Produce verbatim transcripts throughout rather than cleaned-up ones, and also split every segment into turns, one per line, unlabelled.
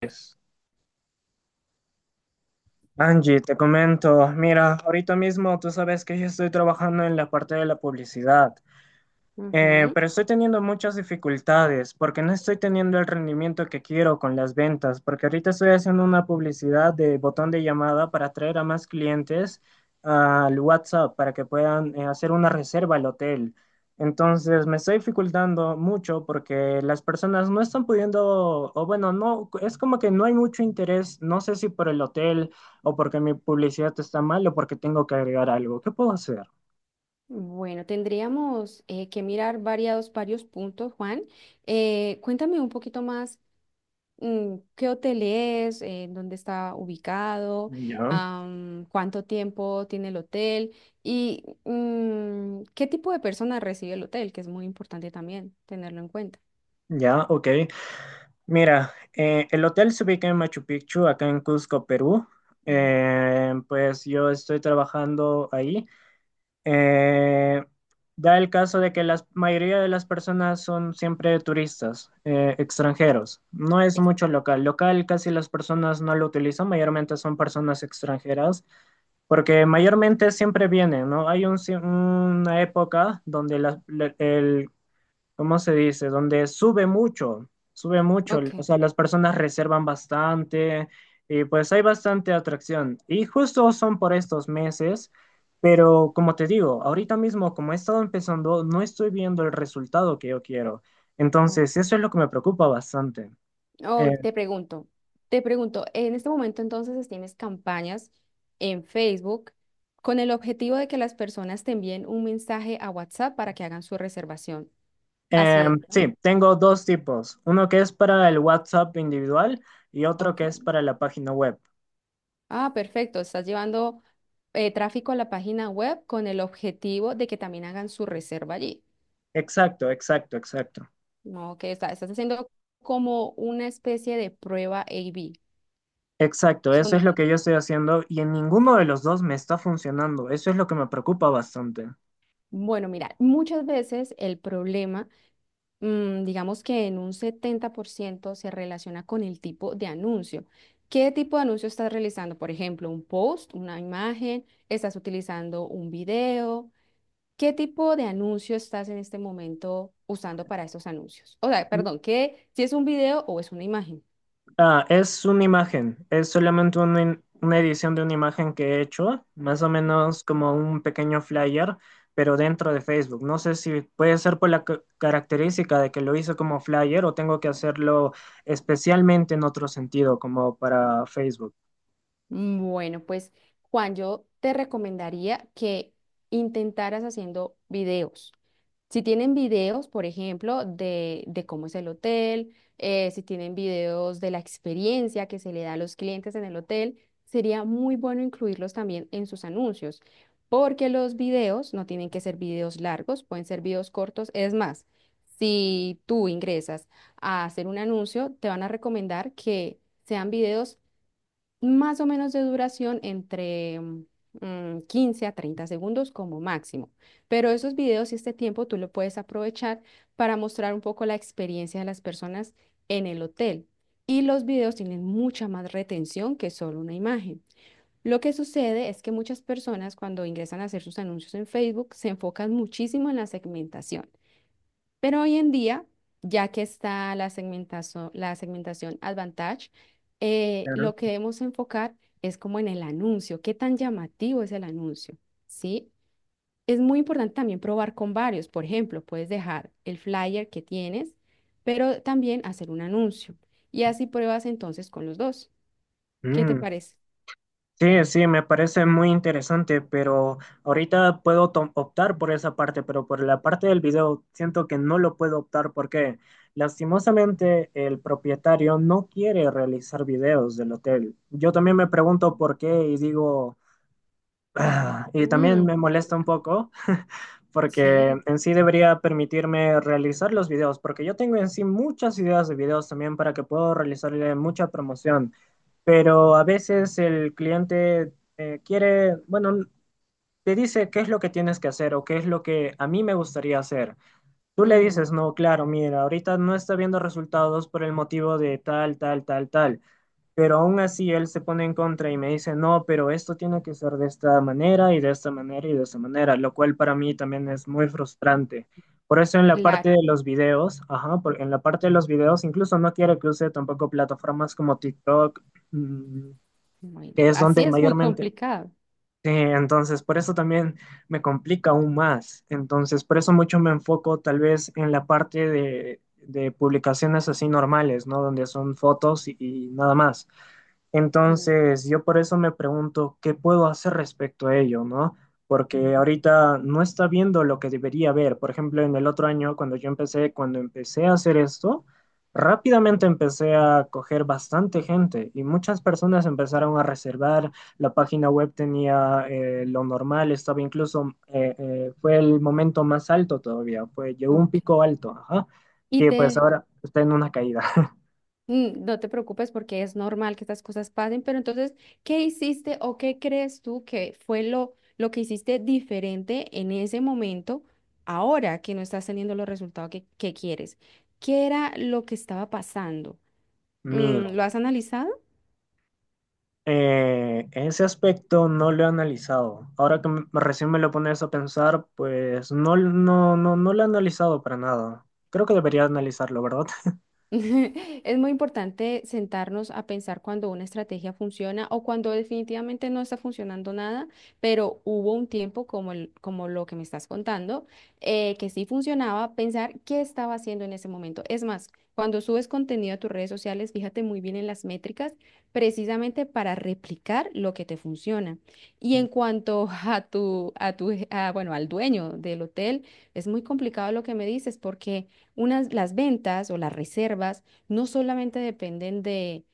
Pues, Angie, te comento, mira, ahorita mismo tú sabes que yo estoy trabajando en la parte de la publicidad. Eh,
Ujú.
pero estoy teniendo muchas dificultades porque no estoy teniendo el rendimiento que quiero con las ventas, porque ahorita estoy haciendo una publicidad de botón de llamada para atraer a más clientes al WhatsApp para que puedan eh, hacer una reserva al hotel. Entonces me estoy dificultando mucho porque las personas no están pudiendo, o bueno, no, es como que no hay mucho interés, no sé si por el hotel o porque mi publicidad está mal o porque tengo que agregar algo. ¿Qué puedo hacer?
Bueno, tendríamos eh, que mirar variados, varios puntos, Juan. Eh, cuéntame un poquito más, mm, ¿qué hotel es? Eh, ¿dónde está ubicado?
Ya,
am, ¿cuánto tiempo tiene el hotel? Y mm, ¿qué tipo de personas recibe el hotel? Que es muy importante también tenerlo en cuenta.
ya, ok. Mira, eh, el hotel se ubica en Machu Picchu, acá en Cusco, Perú.
Bueno.
Eh, pues yo estoy trabajando ahí. Eh, Da el caso de que la mayoría de las personas son siempre turistas, eh, extranjeros. No es mucho local. Local casi las personas no lo utilizan, mayormente son personas extranjeras. Porque mayormente siempre viene, ¿no? Hay un ci- una época donde la- la- el ¿cómo se dice? Donde sube mucho, sube mucho,
Ok,
o sea, las personas reservan bastante y pues hay bastante atracción. Y justo son por estos meses, pero como te digo, ahorita mismo como he estado empezando, no estoy viendo el resultado que yo quiero.
ok.
Entonces, eso es lo que me preocupa bastante. Eh,
Oh, te pregunto, te pregunto, en este momento entonces tienes campañas en Facebook con el objetivo de que las personas te envíen un mensaje a WhatsApp para que hagan su reservación. Así
eh,
es, ¿no?
sí, tengo dos tipos, uno que es para el WhatsApp individual y otro que es
Ok.
para la página web.
Ah, perfecto. Estás llevando eh, tráfico a la página web con el objetivo de que también hagan su reserva allí.
Exacto, exacto, exacto.
No, que está- estás haciendo como una especie de prueba A/B.
Exacto, eso es
Son,
lo que yo estoy haciendo y en ninguno de los dos me está funcionando. Eso es lo que me preocupa bastante.
bueno, mira, muchas veces el problema mm, digamos que en un setenta por ciento se relaciona con el tipo de anuncio. ¿Qué tipo de anuncio estás realizando? Por ejemplo, un post, una imagen, estás utilizando un video. ¿Qué tipo de anuncio estás en este momento usando para esos anuncios? O sea, perdón, ¿qué, si es un video o es una imagen?
Ah, es una imagen, es solamente una, in- una edición de una imagen que he hecho, más o menos como un pequeño flyer, pero dentro de Facebook. No sé si puede ser por la ca- característica de que lo hice como flyer o tengo que hacerlo especialmente en otro sentido, como para Facebook.
Mm, Bueno, pues Juan, yo te recomendaría que intentaras haciendo videos. Si tienen videos, por ejemplo, de, de cómo es el hotel, eh, si tienen videos de la experiencia que se le da a los clientes en el hotel, sería muy bueno incluirlos también en sus anuncios, porque los videos no tienen que ser videos largos, pueden ser videos cortos. Es más, si tú ingresas a hacer un anuncio, te van a recomendar que sean videos más o menos de duración entre mm, quince a treinta segundos como máximo. Pero esos videos y este tiempo tú lo puedes aprovechar para mostrar un poco la experiencia de las personas en el hotel. Y los videos tienen mucha más retención que solo una imagen. Lo que sucede es que muchas personas cuando ingresan a hacer sus anuncios en Facebook se enfocan muchísimo en la segmentación. Pero hoy en día, ya que está la segmentazo- la segmentación Advantage, eh, lo que debemos enfocar es como en el anuncio, qué tan llamativo es el anuncio, ¿sí? Es muy importante también probar con varios. Por ejemplo, puedes dejar el flyer que tienes, pero también hacer un anuncio. Y así pruebas entonces con los dos. ¿Qué te
Claro.
parece?
Sí, sí, me parece muy interesante, pero ahorita puedo to- optar por esa parte, pero por la parte del video siento que no lo puedo optar porque lastimosamente el propietario no quiere realizar videos del hotel. Yo también me
Mm.
pregunto por qué y digo, ah, y también
Mm,
me molesta un
complicado.
poco porque
Sí,
en sí debería permitirme realizar los videos, porque yo tengo en sí muchas ideas de videos también para que puedo realizarle mucha promoción, pero a veces el cliente eh, quiere, bueno, te dice qué es lo que tienes que hacer o qué es lo que a mí me gustaría hacer. Tú le
mm,
dices, no, claro, mira, ahorita no está viendo resultados por el motivo de tal, tal, tal, tal. Pero aún así él se pone en contra y me dice, no, pero esto tiene que ser de esta manera y de esta manera y de esta manera, lo cual para mí también es muy frustrante. Por eso en la parte
claro.
de los videos, ajá, por- en la parte de los videos incluso no quiero que use tampoco plataformas como TikTok, mm,
Bueno,
que es
así
donde
es muy
mayormente...
complicado.
Sí, entonces por eso también me complica aún más. Entonces por eso mucho me enfoco tal vez en la parte de, de publicaciones así normales, ¿no? Donde son fotos y y nada más
Mm,
entonces, yo por eso me pregunto qué puedo hacer respecto a ello, ¿no? Porque
mm,
ahorita no está viendo lo que debería ver. Por ejemplo, en el otro año, cuando yo empecé, cuando empecé a hacer esto, rápidamente empecé a coger bastante gente y muchas personas empezaron a reservar. La página web tenía eh, lo normal, estaba incluso, eh, eh, fue el momento más alto todavía, fue, llegó un
Ok.
pico alto, ajá.
Y
Y pues
te,
ahora está en una caída.
mm, no te preocupes porque es normal que estas cosas pasen, pero entonces, ¿qué hiciste o qué crees tú que fue lo, lo que hiciste diferente en ese momento, ahora que no estás teniendo los resultados que, que quieres? ¿Qué era lo que estaba pasando? Mm,
Mira.
¿lo has analizado?
Eh, ese aspecto no lo he analizado. Ahora que me- recién me lo pones a pensar, pues no, no, no, no lo he analizado para nada. Creo que debería analizarlo, ¿verdad?
Es muy importante sentarnos a pensar cuando una estrategia funciona o cuando definitivamente no está funcionando nada, pero hubo un tiempo como, el- como lo que me estás contando, eh, que sí funcionaba, pensar qué estaba haciendo en ese momento. Es más, cuando subes contenido a tus redes sociales, fíjate muy bien en las métricas, precisamente para replicar lo que te funciona. Y en cuanto a tu, a tu, a, bueno, al dueño del hotel, es muy complicado lo que me dices porque unas, las ventas o las reservas no solamente dependen de,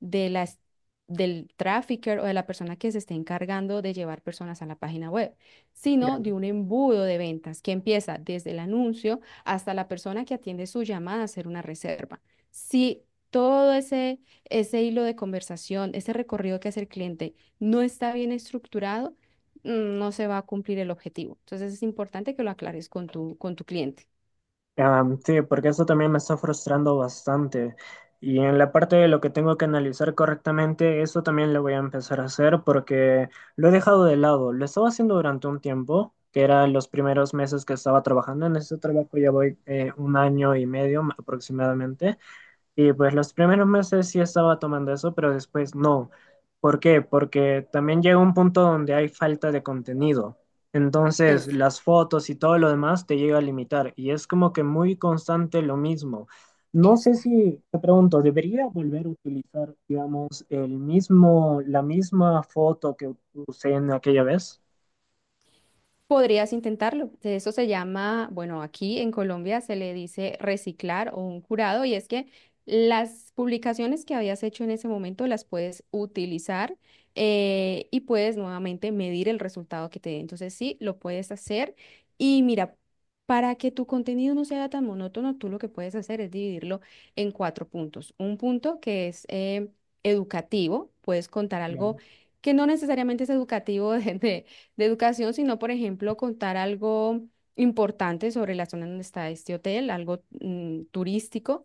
de las, del trafficker o de la persona que se esté encargando de llevar personas a la página web, sino de
Claro.
un embudo de ventas que empieza desde el anuncio hasta la persona que atiende su llamada a hacer una reserva. Si todo ese, ese hilo de conversación, ese recorrido que hace el cliente no está bien estructurado, mm, no se va a cumplir el objetivo. Entonces es importante que lo aclares con tu, con tu cliente.
Am, sí, porque eso también me está frustrando bastante. Y en la parte de lo que tengo que analizar correctamente, eso también lo voy a empezar a hacer porque lo he dejado de lado. Lo estaba haciendo durante un tiempo, que eran los primeros meses que estaba trabajando. En este trabajo ya voy eh, un año y medio aproximadamente. Y pues los primeros meses sí estaba tomando eso, pero después no. ¿Por qué? Porque también llega un punto donde hay falta de contenido.
Es
Entonces las fotos y todo lo demás te llega a limitar y es como que muy constante lo mismo. No sé
Exacto.
si, te pregunto, ¿debería volver a utilizar, digamos, el mismo, la misma foto que usé en aquella vez?
Podrías intentarlo. De Eso se llama, bueno, aquí en Colombia se le dice reciclar o un jurado y es que las publicaciones que habías hecho en ese momento las puedes utilizar eh, y puedes nuevamente medir el resultado que te dé. Entonces sí, lo puedes hacer y mira, para que tu contenido no sea tan monótono, tú lo que puedes hacer es dividirlo en cuatro puntos. Un punto que es eh, educativo, puedes contar algo
Claro.
que no necesariamente es educativo desde de educación, sino, por ejemplo, contar algo importante sobre la zona donde está este hotel, algo mm, turístico.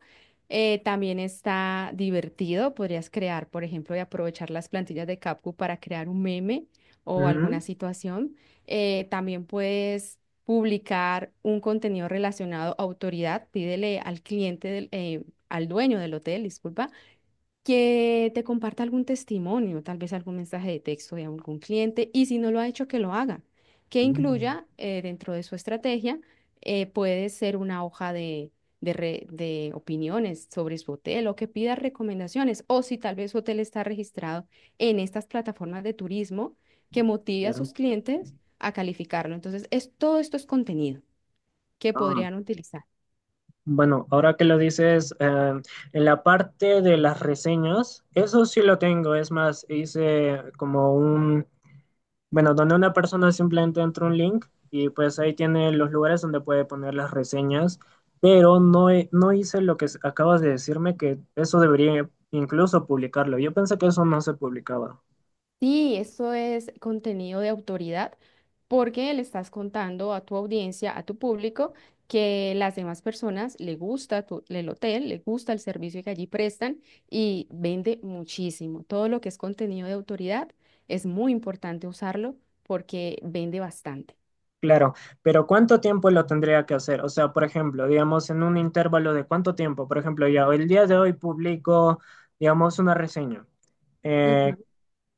Eh, también está divertido, podrías crear, por ejemplo, y aprovechar las plantillas de CapCut para crear un meme o
Ujú.
alguna situación. Eh, también puedes publicar un contenido relacionado a autoridad, pídele al cliente, del- eh, al dueño del hotel, disculpa, que te comparta algún testimonio, tal vez algún mensaje de texto de algún cliente, y si no lo ha hecho, que lo haga, que
Mm,
incluya eh, dentro de su estrategia, eh, puede ser una hoja de, de, re- de opiniones sobre su hotel o que pida recomendaciones, o si tal vez su hotel está registrado en estas plataformas de turismo, que motive a sus
claro.
clientes a calificarlo. Entonces, es, todo esto es contenido que
Ah.
podrían utilizar.
Bueno, ahora que lo dices, eh, en la parte de las reseñas, eso sí lo tengo. Es más, hice como un, bueno, donde una persona simplemente entra un link y pues ahí tiene los lugares donde puede poner las reseñas, pero no, he- no hice lo que s- acabas de decirme, que eso debería incluso publicarlo. Yo pensé que eso no se publicaba.
Sí, esto es contenido de autoridad porque le estás contando a tu audiencia, a tu público, que las demás personas le gusta tu- el hotel, le gusta el servicio que allí prestan y vende muchísimo. Todo lo que es contenido de autoridad es muy importante usarlo porque vende bastante.
Claro, pero ¿cuánto tiempo lo tendría que hacer? O sea, por ejemplo, digamos, en un intervalo de cuánto tiempo. Por ejemplo, ya el día de hoy publico, digamos, una reseña. Eh,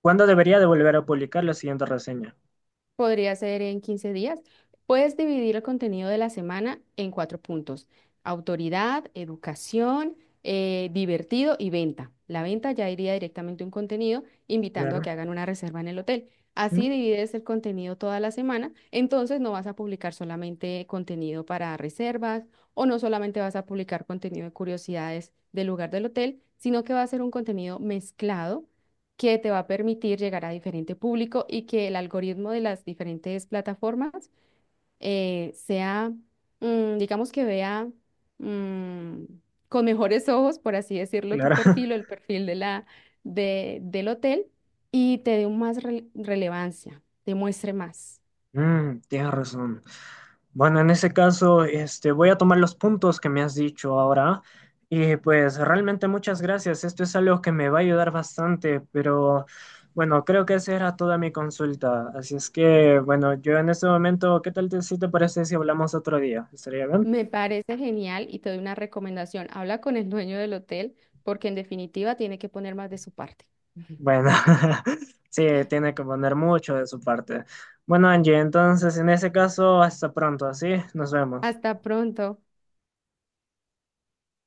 ¿Cuándo debería de volver a publicar la siguiente reseña?
Podría ser en quince días. Puedes dividir el contenido de la semana en cuatro puntos. Autoridad, educación, eh, divertido y venta. La venta ya iría directamente un contenido invitando a
Claro,
que hagan una reserva en el hotel.
¿mm?
Así divides el contenido toda la semana. Entonces no vas a publicar solamente contenido para reservas o no solamente vas a publicar contenido de curiosidades del lugar del hotel, sino que va a ser un contenido mezclado que te va a permitir llegar a diferente público y que el algoritmo de las diferentes plataformas eh, sea, mm, digamos que vea mm, con mejores ojos, por así decirlo, tu
Claro.
perfil o el perfil de la, de, del hotel y te dé un más rele- relevancia, te muestre más.
Mm, tienes razón. Bueno, en ese caso, este, voy a tomar los puntos que me has dicho ahora. Y pues realmente muchas gracias. Esto es algo que me va a ayudar bastante, pero bueno, creo que esa era toda mi consulta. Así es que, bueno, yo en este momento, ¿qué tal te, si te parece si hablamos otro día? ¿Estaría bien?
Me parece genial y te doy una recomendación. Habla con el dueño del hotel porque en definitiva tiene que poner más de su parte. Ujú.
Bueno, sí, tiene que poner mucho de su parte. Bueno, Angie, entonces en ese caso, hasta pronto, ¿sí? Nos vemos.
Hasta pronto.